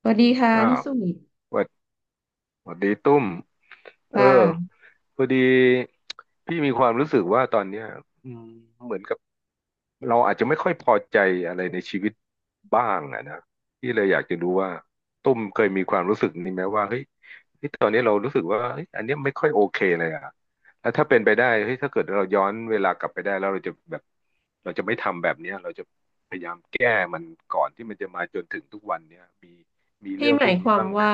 สวัสดีค่ะอ่าพี่สุนิทสวัสสวัสดีตุ้มคเออ่ะพอดีพี่มีความรู้สึกว่าตอนเนี้ยอืมเหมือนกับเราอาจจะไม่ค่อยพอใจอะไรในชีวิตบ้างอะนะพี่เลยอยากจะรู้ว่าตุ้มเคยมีความรู้สึกนี้ไหมว่าเฮ้ยตอนนี้เรารู้สึกว่าเฮ้ยอันเนี้ยไม่ค่อยโอเคเลยอะแล้วถ้าเป็นไปได้เฮ้ยถ้าเกิดเราย้อนเวลากลับไปได้แล้วเราจะแบบเราจะไม่ทำแบบเนี้ยเราจะพยายามแก้มันก่อนที่มันจะมาจนถึงทุกวันเนี้ยมีพี่เรื่องหพมาวยกคนี้วามบ้างไหม ว่า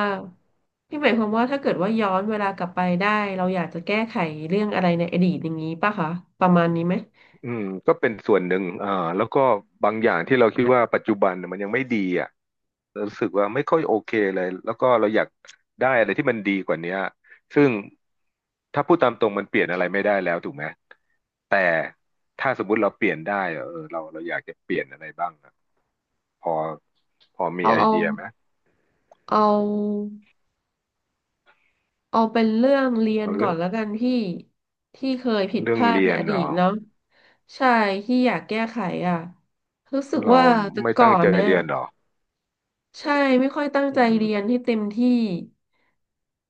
พี่หมายความว่าถ้าเกิดว่าย้อนเวลากลับไปได้เราอยากจะแก้ไขเรื่องอะไรในอดีตอย่างนี้ป่ะคะประมาณนี้ไหมอืมก็เป็นส่วนหนึ่งอ่าแล้วก็บางอย่างที่เราคิดว่าปัจจุบันเนี่ยมันยังไม่ดีอ่ะรู้สึกว่าไม่ค่อยโอเคเลยแล้วก็เราอยากได้อะไรที่มันดีกว่าเนี้ยซึ่งถ้าพูดตามตรงมันเปลี่ยนอะไรไม่ได้แล้วถูกไหมแต่ถ้าสมมุติเราเปลี่ยนได้อะเออเราอยากจะเปลี่ยนอะไรบ้างอะพอพอมีเอาไอเอาเดียไหมเอาเอาเป็นเรื่องเรียนเอาก่เรื่ออนงแล้วกันพี่ที่เคยผิดเรื่พองลาดเรีในยนอเหดีรตอเนาะใช่ที่อยากแก้ไขอ่ะรู้สึกเราว่าแต่ไม่ก่อตั้งนใจเนี่ยเรียนเหรอใช่ไม่ค่อยตั้งอืใจเรียนมให้เต็มที่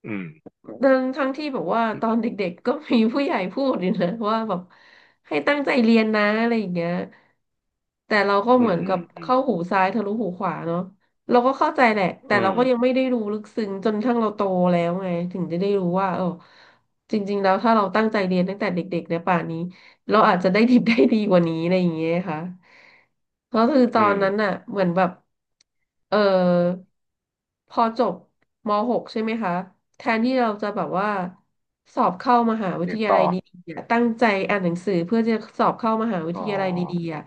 อืมทั้งที่แบบว่าตอนเด็กๆก็มีผู้ใหญ่พูดอยู่นะ ว่าแบบให้ตั้งใจเรียนนะอะไรอย่างเงี้ยแต่เราก็อืเหมืมอนอืกับมอืมเข้าหูซ้ายทะลุหูขวาเนาะเราก็เข้าใจแหละแต่อืเรามก็ยังไม่ได้รู้ลึกซึ้งจนทั้งเราโตแล้วไงถึงจะได้รู้ว่าเออจริงๆแล้วถ้าเราตั้งใจเรียนตั้งแต่เด็กๆเนี่ยป่านนี้เราอาจจะได้ดิบได้ดีกว่านี้อะไรอย่างเงี้ยค่ะก็คือตอือนมนั้นน่ะเหมือนแบบเออ พอจบม .6 ใช่ไหมคะแทนที่เราจะแบบว่าสอบเข้ามหาวิทเรียนยาต่ลัอ ยดีๆอะตั้งใจอ่านหนังสือเพื่อจะสอบเข้ามหาวิอ๋ทอยาลัยดีๆอะ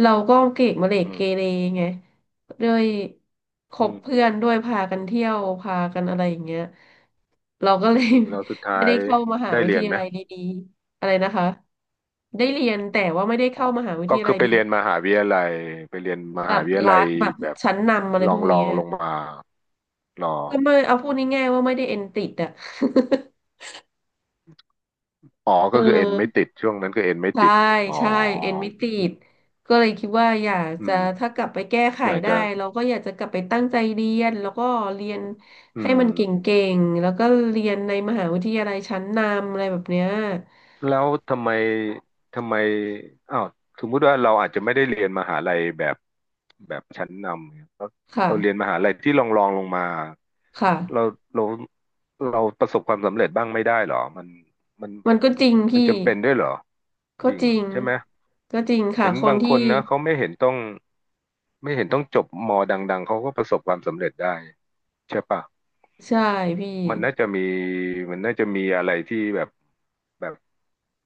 เราก็เกรดมะเหลกอืเกเรมไงด้วยคอืบมเพื่อนด้วยพากันเที่ยวพากันอะไรอย่างเงี้ยเราก็เลย แล้วสุด ท้าไม่ยได้เข้ามหาได้วิทเรียนยาไหมลัยดีๆอะไรนะคะได้เรียนแต่ว่าไม่ได้อ๋อเข้ามหาวิทก็ยาคืลัอยไปดีเรียนมหาวิทยาลัย ไปเรียนมๆแบหาบวิทยาลัรัยฐแบบแบบชั้นนำอะไรพวกลอนี้ งลงมาลอก็ไม่งเอาพูดง่ายๆว่าไม่ได้เอ็นติดอ่ะ อ๋อเอก็คือเอ็นไม่อติดช่วงนั้นก็เอ็นไม่ใช่ติด อ๋อ ใช่เอ็นไม่ติดก็เลยคิดว่าอยากอืจะม ถ้ากลับไปแก้ไขอยากได้จะเราก็อยากจะกลับไปตั้งใจเรียนแล้วก็เรียนอืให้มันเกม ่งๆแล้วก็เรียนในมหาวิทยาลัยชั้นนำอะไรแบบเนี้ยแล้วทำไมทำไมอ้าวสมมุติว่าเราอาจจะไม่ได้เรียนมหาลัยแบบชั้นนำเนี่ยเราค่ะเราเรียนมหาลัยที่รองลงมาคเรา่ะเราเราประสบความสำเร็จบ้างไม่ได้เหรอมันมันก็จริงมัพี่นจำเป็นด้วยเหรอก็จริงจเหริรองใช่ไหมก็จริงค่ะเห็นคนบางที่คนนะเขาไม่เห็นต้องจบมดังๆเขาก็ประสบความสำเร็จได้ใช่ปะใช่พี่มันน่าจะมีมันน่าจะมีอะไรที่แบบแบบ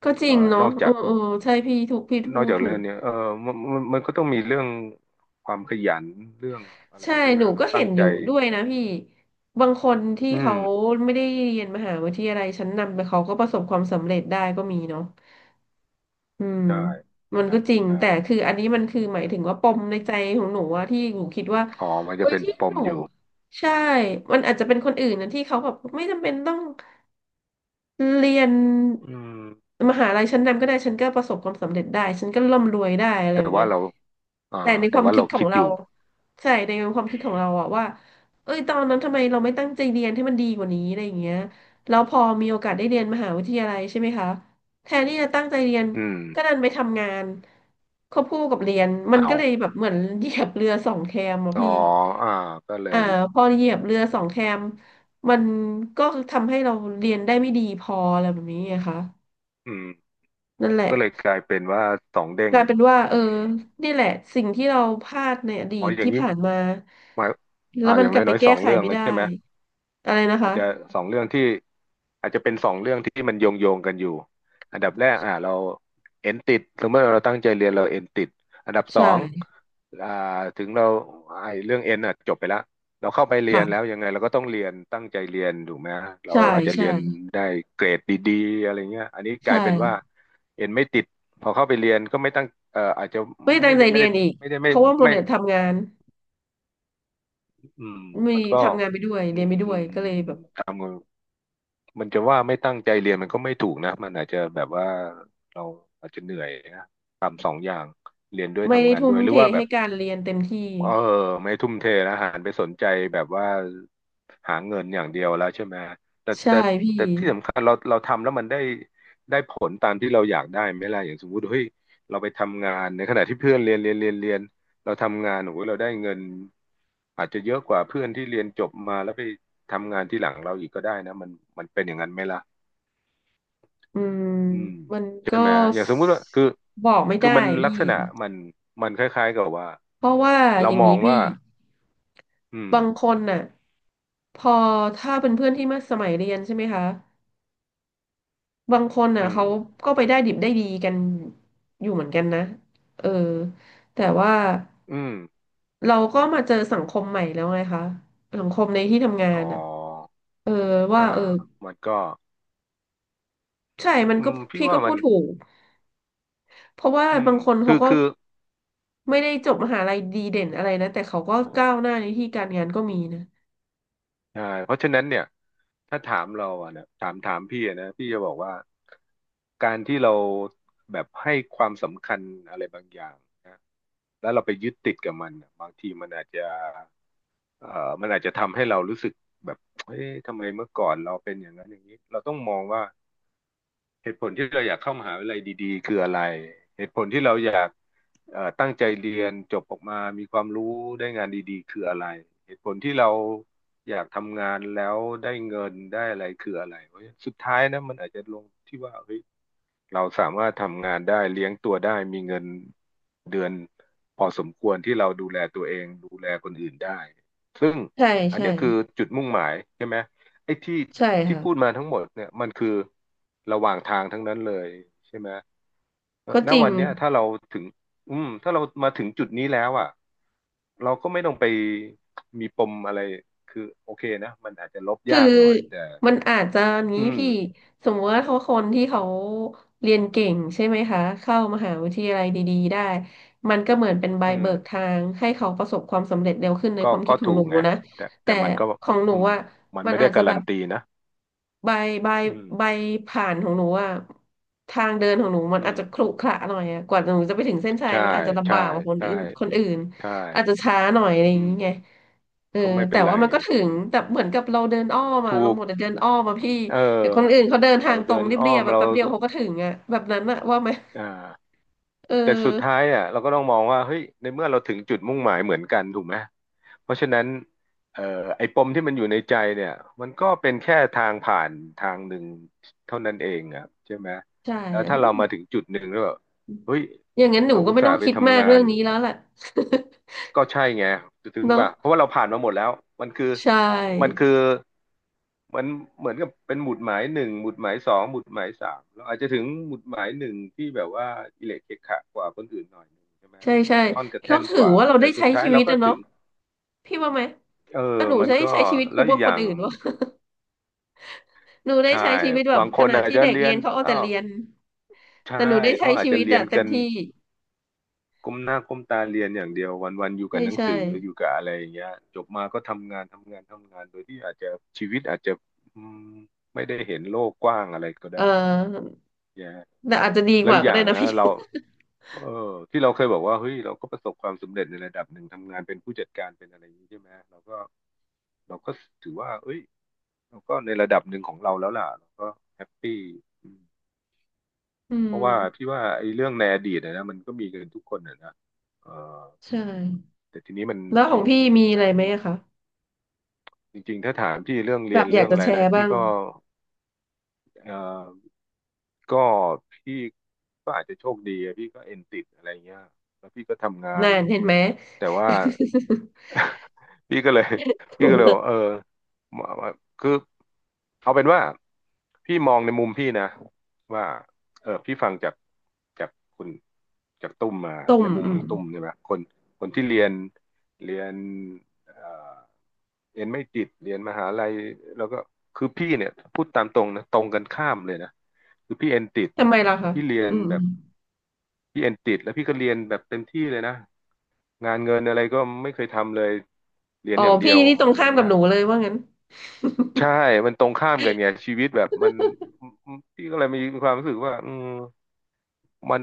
ก็จเอ่ริองเนาะนอกเอจาอก เออใช่พี่ถูกพี่นพูอกดจากถูเรื่องก เนี้ยเออมันมันก็ต้องมีเรื่องความขยันเรื่องอะไรใช่ ใช่ไหมหนูเราก็เห็ตั้งนอใจยู่ด้วยนะพี่ บางคนที่อืเขามไม่ได้เรียนมหาวิทยาลัยชั้นนำไปเขาก็ประสบความสำเร็จได้ก็มีเนาะอืมใช่มันใช่ก็จริง แต่ใช่คืออันนี้มันคือหมายถึงว่าปมในใจของหนูว่าที่หนูคิดว่าอ๋อมันเอ้จะยเป็นที่ปหมนู อยู่ใช่ มันอาจจะเป็นคนอื่นนะที่เขาแบบไม่จำเป็นต้อง เรียนอืมมหาลัยชั้นนำก็ได้ฉันก็ประสบความสำเร็จได้ฉันก็ร่ำรวยได้อะไรอแต่ย่างว่าเงี้ยเราอ่าแต่ในคแต่วามว่าคิดเราของคิดอเรายู่ใช่ในความคิดของเราอะว่าเอ้ยตอนนั้นทำไมเราไม่ตั้งใจเรียนให้มันดีกว่านี้อะไรอย่างเงี้ยแล้วพอมีโอกาสได้เรียนมหาวิทยาลัยใช่ไหมคะแทนที่จะตั้งใจเรียนอืมก็ดันไปทำงานควบคู่กับเรียนมันก็เลยเอาแบบเหมือนเหยียบเรือสองแคมอะอ๋อพี่อ่าก็เลอ่ายพอเหยียบเรือสองแคม มันก็ทำให้เราเรียนได้ไม่ดีพออะไรแบบนี้ไงคะอืมนั่นแหละก็เลยกลายเป็นว่าสองเด้กงลายเป็นว่าเออนี่แหละสิ่งที่เราพลาดในอดีอ๋อตอย่างที่นี้ผ่านมาหมายอ่าแล้วอมันย่างกลับไปน้อยๆสแก้องไขเรื่องไม่แล้วได้ใช่ไหม อะไรนะอาคะจจะสองเรื่องที่อาจจะเป็นสองเรื่องที่มันโยงโยงกันอยู่อันดับแรกอ่าเราเอนติดสมมติเราตั้งใจเรียนเราเอนติดอันดับสอใช่งอ่าถึงเราไอ้เรื่องเอนอ่ะจบไปแล้วเราเข้าไปเรียนแล้วค่ะยังไงเราก็ต้องเรียนตั้งใจเรียนถูกไหมเราใช่อาจจะเรีใช่ยนได้เกรดดีๆอะไรเงี้ยอันนี้ใชกลายเป็นว่า่เอนไม่ติดพอเข้าไปเรียนก็ไม่ตั้งอาจจะไม่ตั้ไม่งใจได้เรียนอีกไม่ได้เพไม่ราะว่าโมไม่เดลทำงานอืมมีมันก็ทำงานไปด้วยอืเรียนไปด้วยมก็เลยแบบทำ มันจะว่าไม่ตั้งใจเรียนมันก็ไม่ถูกนะมันอาจจะแบบว่าเราอาจจะเหนื่อยนะทำสองอย่างเรียนด้วยไม่ได้ทำงานทุ่ด้มวยหรืเทอว่าแบให้บการเรียนเต็มที่เออไม่ทุ่มเทนะหันไปสนใจแบบว่าหาเงินอย่างเดียวแล้วใช่ไหมแต่ใช่แต่พี่แต่ที่สำคัญเราทำแล้วมันได้ผลตามที่เราอยากได้ไหมล่ะอย่างสมมติเฮ้ยเราไปทำงานในขณะที่เพื่อนเรียนเราทำงานโอ้โหเราได้เงินอาจจะเยอะกว่าเพื่อนที่เรียนจบมาแล้วไปทำงานที่หลังเราอีกก็ได้นะมันเป็นอย่างนั้นไหมล่ะ อืมอืมมันใช่ก็ไหม อย่างสมมุติว่าคือบอกไม่คือได้มันลักพี่ ษณะมันมันคล้ายๆกับว่า เพราะว่าเราอย่างมอนี้งว่า พี่อืม บางคนน่ะพอถ้าเป็นเพื่อนที่มาสมัยเรียนใช่ไหมคะบางคนน่ะอืม เขาก็ไปได้ดิบได้ดีกันอยู่เหมือนกันนะเออแต่ว่าอืมเราก็มาเจอสังคมใหม่แล้วไงคะสังคมในที่ทำงาอ๋อนน่ะเอออ่าว่าเออมันก็ใช่มันอืก็มพี่พี่ว่าก็พูมันดถูกเพราะว่าอืมบางคนเขาก็คือไม่ได้จบมหาลัยดีเด่นอะไรนะแต่เขาก็ก้าวหน้าในที่การงานก็มีนะใช่เพราะฉะนั้นเนี่ย ถ้าถามเราอะนะถามพี่อะนะ พี่จะบอกว่า การที่เราแบบให้ความสำคัญอะไรบางอย่างนะ แล้วเราไปยึดติดกับมันน่ะบางทีมันอาจจะเอ่อมันอาจจะทำให้เรารู้สึกแบบเอ๊ะทำไมเมื่อก่อนเราเป็นอย่างนั้นอย่างนี้เราต้องมองว่าเหตุผลที่เราอยากเข้ามหาวิทยาลัยดีๆคืออะไรเหตุผลที่เราอยากตั้งใจเรียนจบออกมา มีความรู้ได้งานดีๆคืออะไรเหตุผลที่เราอยากทำงานแล้วได้เงินได้อะไรคืออะไรเพราะสุดท้ายนะมันอาจจะลงที่ว่าเฮ้ย เราสามารถทำงานได้เลี้ยงตัวได้มีเงินเดือนพอสมควรที่เราดูแลตัวเองดูแลคนอื่นได้ซึ่งใช่อันใช่เนี้ยคือจุดมุ่งหมายใช่ไหมไอ้ที่ใช่ที่ค่ะพูดมาทั้งหมดเนี่ยมันคือระหว่างทางทั้งนั้นเลยใช่ไหมก็ณจริง วันเนี้ยถ้าเราถึงถ้าเรามาถึงจุดนี้แล้วอ่ะเราก็ไม่ต้องไปมีปมอะไรคือโอเคนะมันอาจจะลบคือยากหน่อยแต่มันอาจจะนี้อืพี่มสมมติว่าเขาคนที่เขาเรียนเก่งใช่ไหมคะเข้ามหาวิทยาลัยดีๆได้มันก็เหมือนเป็นใบอืม เบิกทางให้เขาประสบความสำเร็จเร็วขึ้นในก็ความคิก็ดของถูหนูกไงนะแต่แต่แต่มันก็ของหนูอืมอ่ะมันมันไม่ได้อาจจะกาแบรันบตีนะใบใบอืมใบผ่านของหนูอ่ะทางเดินของหนูมัอืนอาจมจะขรุขระหน่อยอ่ะกว่าหนูจะไปถึงเส้นชัยใช่มันอาจจะลำใช่บากกว่าคนใช่อื่นคนอื่นใช่อาจจะช้าหน่อยอะไรออืย่างมเงี้ย เออก็ไม่เป็แต่นไรว่ามันก็ถึอืงมแต่เหมือนกับเราเดินอ้อมอะถูเราหกมดแต่เดินอ้อมอะพี่เอแต่คนอื่นอเขาเดินทาเรางตรเดิงนอ้เรีอยบมๆแบบเราแป๊บเดียวเขาก็ถึงอะแบบนั้นอะว่าไหมอ่า เอแต่สุดท้าอยอ่ะเราก็ต้องมองว่าเฮ้ยในเมื่อเราถึงจุดมุ่งหมายเหมือนกันถูกไหมเพราะฉะนั้นเอ่อไอ้ปมที่มันอยู่ในใจเนี่ยมันก็เป็นแค่ทางผ่านทางหนึ่งเท่านั้นเองอ่ะใช่ไหมใช่แล้วอะถ้าอืเรามมาถึงจุดหนึ่งแล้วแบบเฮ้ยอย่างนั้นหนูเราก็อุตไม่ส่าต้องห์ไปคิดมาทำกงาเรื่อน งนี้แล้วแหละ ก็ใช่ไงถึ งเนาะป่ะเพราะว่าเราผ่านมาหมดแล้วมันคือใชมัน่คือมันเหมือนกับเป็นหมุดหมายหนึ่งหมุดหมายสองหมุดหมายสามเราอาจจะถึงหมุดหมายหนึ่งที่แบบว่าอิเละเกะขะกว่าคนอื่นหน่อยหนึ่งใช่ไหมใช่ใช่กระท่อนกระแล้แท่วนถืกอว่าว่าเราแต่ได้สุใช้ดท้ายชีวิเราตก็อะถึเนาะงพี่ว่าไหมเอแต่อหนูมันใช้ก็ใช้ชีวิตแล้คุ้วมกอีกว่าอคนย่างอื่นวะ หนูได้ใช่ใช้ชีวิตแบบบางคขนณะอาจที่จะเด็กเรียเรียนนเขาเอาอ้าแต่วเรียนใช่แต่หนูได้ใช้เขาอาจชีจะวิตเรียอะนเต็กัมน ที่ก้มหน้าก้มตาเรียนอย่างเดียววันๆอยู่ใช่กับหนังใช่สืออยู่กับอะไรอย่างเงี้ยจบมาก็ทำงานทำงานทำงานโดยที่อาจจะชีวิตอาจจะอืมไม่ได้เห็นโลกกว้างอะไรก็เอได้อ แย่แต่อาจจะดีแล้กวว่าอีกก็อได้ย่างนะนะพี่ เราเออที่เราเคยบอกว่าเฮ้ยเราก็ประสบความสำเร็จในระดับหนึ่งทำงานเป็นผู้จัดการเป็นอะไรอย่างนี้ใช่ไหมเราก็ถือว่าเอ้ยเราก็ในระดับหนึ่งของเราแล้วล่ะเราก็แฮปปี้อืม อืเพมราะว่าพี่ว่าไอ้เรื่องในอดีตนะมันก็มีกันทุกคนนะเออใช่แต่ทีนี้มันแล้วของอืมพี่มีอะมัไรน ไหมอะคะจริงๆ ถ้าถามพี่เรื่องแบเรียบนอยาเรื่กองจะอะไรแชนะร์บ้าพี่งก็เอ่อก็พี่ก็อาจจะโชคดีอะพี่ก็เอ็นติดอะไรเงี้ยแล้วพี่ก็ทำงานนานเห็นไหม แต่ว่า พี่ก็เลย พี่ก็เลยบ อกเออคือเอาเป็นว่าพี่มองในมุมพี่นะว่าเออพี่ฟังจากคุณจากตุ้มมาต้มในมุมอืขอมงตุ้มใช่ไหมคนที่เรียนเอ่อเรียนไม่ติดเรียนมหาลัยแล้วก็คือพี่เนี่ยพูดตามตรงนะตรงกันข้ามเลยนะคือพี่เอ็นติดทำไมล่ะคะพี่เรียอืนมอแบมบพี่เอ็นติดแล้วพี่ก็เรียนแบบเต็มที่เลยนะ งานเงินอะไรก็ไม่เคยทำเลยเรียนอ๋ออย่างเดีพี่ยวนี่ตรอะงไรข้ามกัเงี้บยหนูเลยว่างั้นใช่มันตรงข้ามกันไงชีวิตแบบมันพี่ก็เลยมีความรู้สึกว่าอืมมัน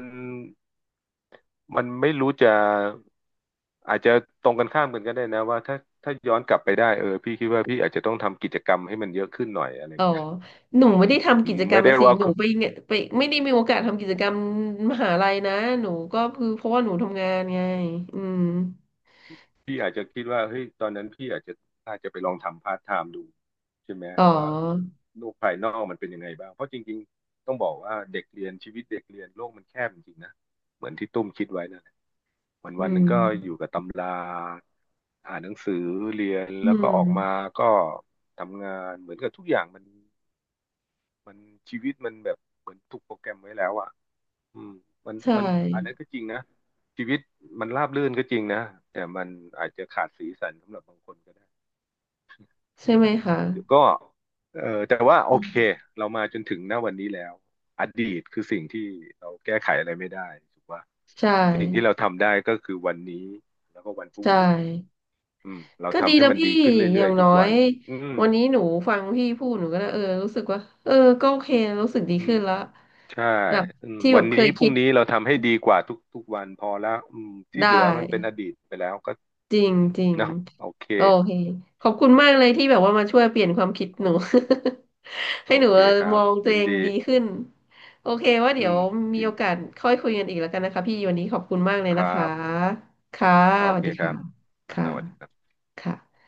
มันไม่รู้จะอาจจะตรงกันข้ามกันก็ได้นะว่าถ้าย้อนกลับไปได้เออพี่คิดว่าพี่อาจจะต้องทำกิจกรรมให้มันเยอะขึ้นหน่อยอะไรอ๋อเงี้ยหนูไม่ได้ทำอืกิมจกรไม่รมได้อะสิว่า หนูไปเนี่ยไปไม่ได้มีโอกาสทำกิจกรรมมหาลัยนะหนูก็คือเพราะว่าหนูทำงานไงอืมพี่อาจจะคิดว่าเฮ้ยตอนนั้นพี่อาจจะไปลองทำพาร์ทไทม์ดูใช่ไหมอ๋อว่าเฮ้ยโลกภายนอกมันเป็นยังไงบ้างเพราะจริงๆต้องบอกว่าเด็กเรียนชีวิตเด็กเรียนโลกมันแคบจริงๆนะเหมือนที่ตุ้มคิดไว้นั่นแหละวันอืวันหนึงก็อมยู่กับตำราอ่านหนังสือเรียนอืแล้วก็ออกมามก็ทำงานเหมือนกับทุกอย่างมันมันชีวิตมันแบบเหมือนถูกโปรแกรมไว้แล้วอะ อืมมันใช่มันอันนั้นก็จริงนะชีวิตมันราบรื่นก็จริงนะแต่มันอาจจะขาดสีสันสำหรับบางคนก็ได้ใช่ไหมคะก็เออแต่ว่าโออืเคมเรามาจนถึงณวันนี้แล้วอดีตคือสิ่งที่เราแก้ไขอะไรไม่ได้ถูกปะใช่ สิ่งที่เราทำได้ก็คือวันนี้แล้วก็วันพรุ่งใช่นี้อืมเราก็ดีทำให้แล้วมันพี่ดีขึ้นอเรื่ย่าองยๆทุน้อกวัยนอืมวันนี้หนูฟังพี่พูดหนูก็เออรู้สึกว่าเออก็โอเครู้สึกดีอืขึ้มนแล้วใช่แบบอืมที่แบวับนเคนี้ยพรุ่คิงดนี้เราทำให้ดีกว่าทุกวันพอแล้วอืมที่ได้เหลือมันเป็นอดีตไปแล้วก็จริงจริงเนาะโอเค โอเคขอบคุณมากเลยที่แบบว่ามาช่วยเปลี่ยนความคิดหนู โ ให้อหนูเคเออครัมบองตัวยินเองดีดีขึ้นโอเคว่าอืเดี๋ยวมมียินโอกาสค่อยคุยกันอีกแล้วกันนะคะพี่วันนี้ขอบคุณมากเลยคนะรัคะบค่ะโอสวัสเคดีครัค่ะบอ่าค่ะสวัสดีครับค่ะ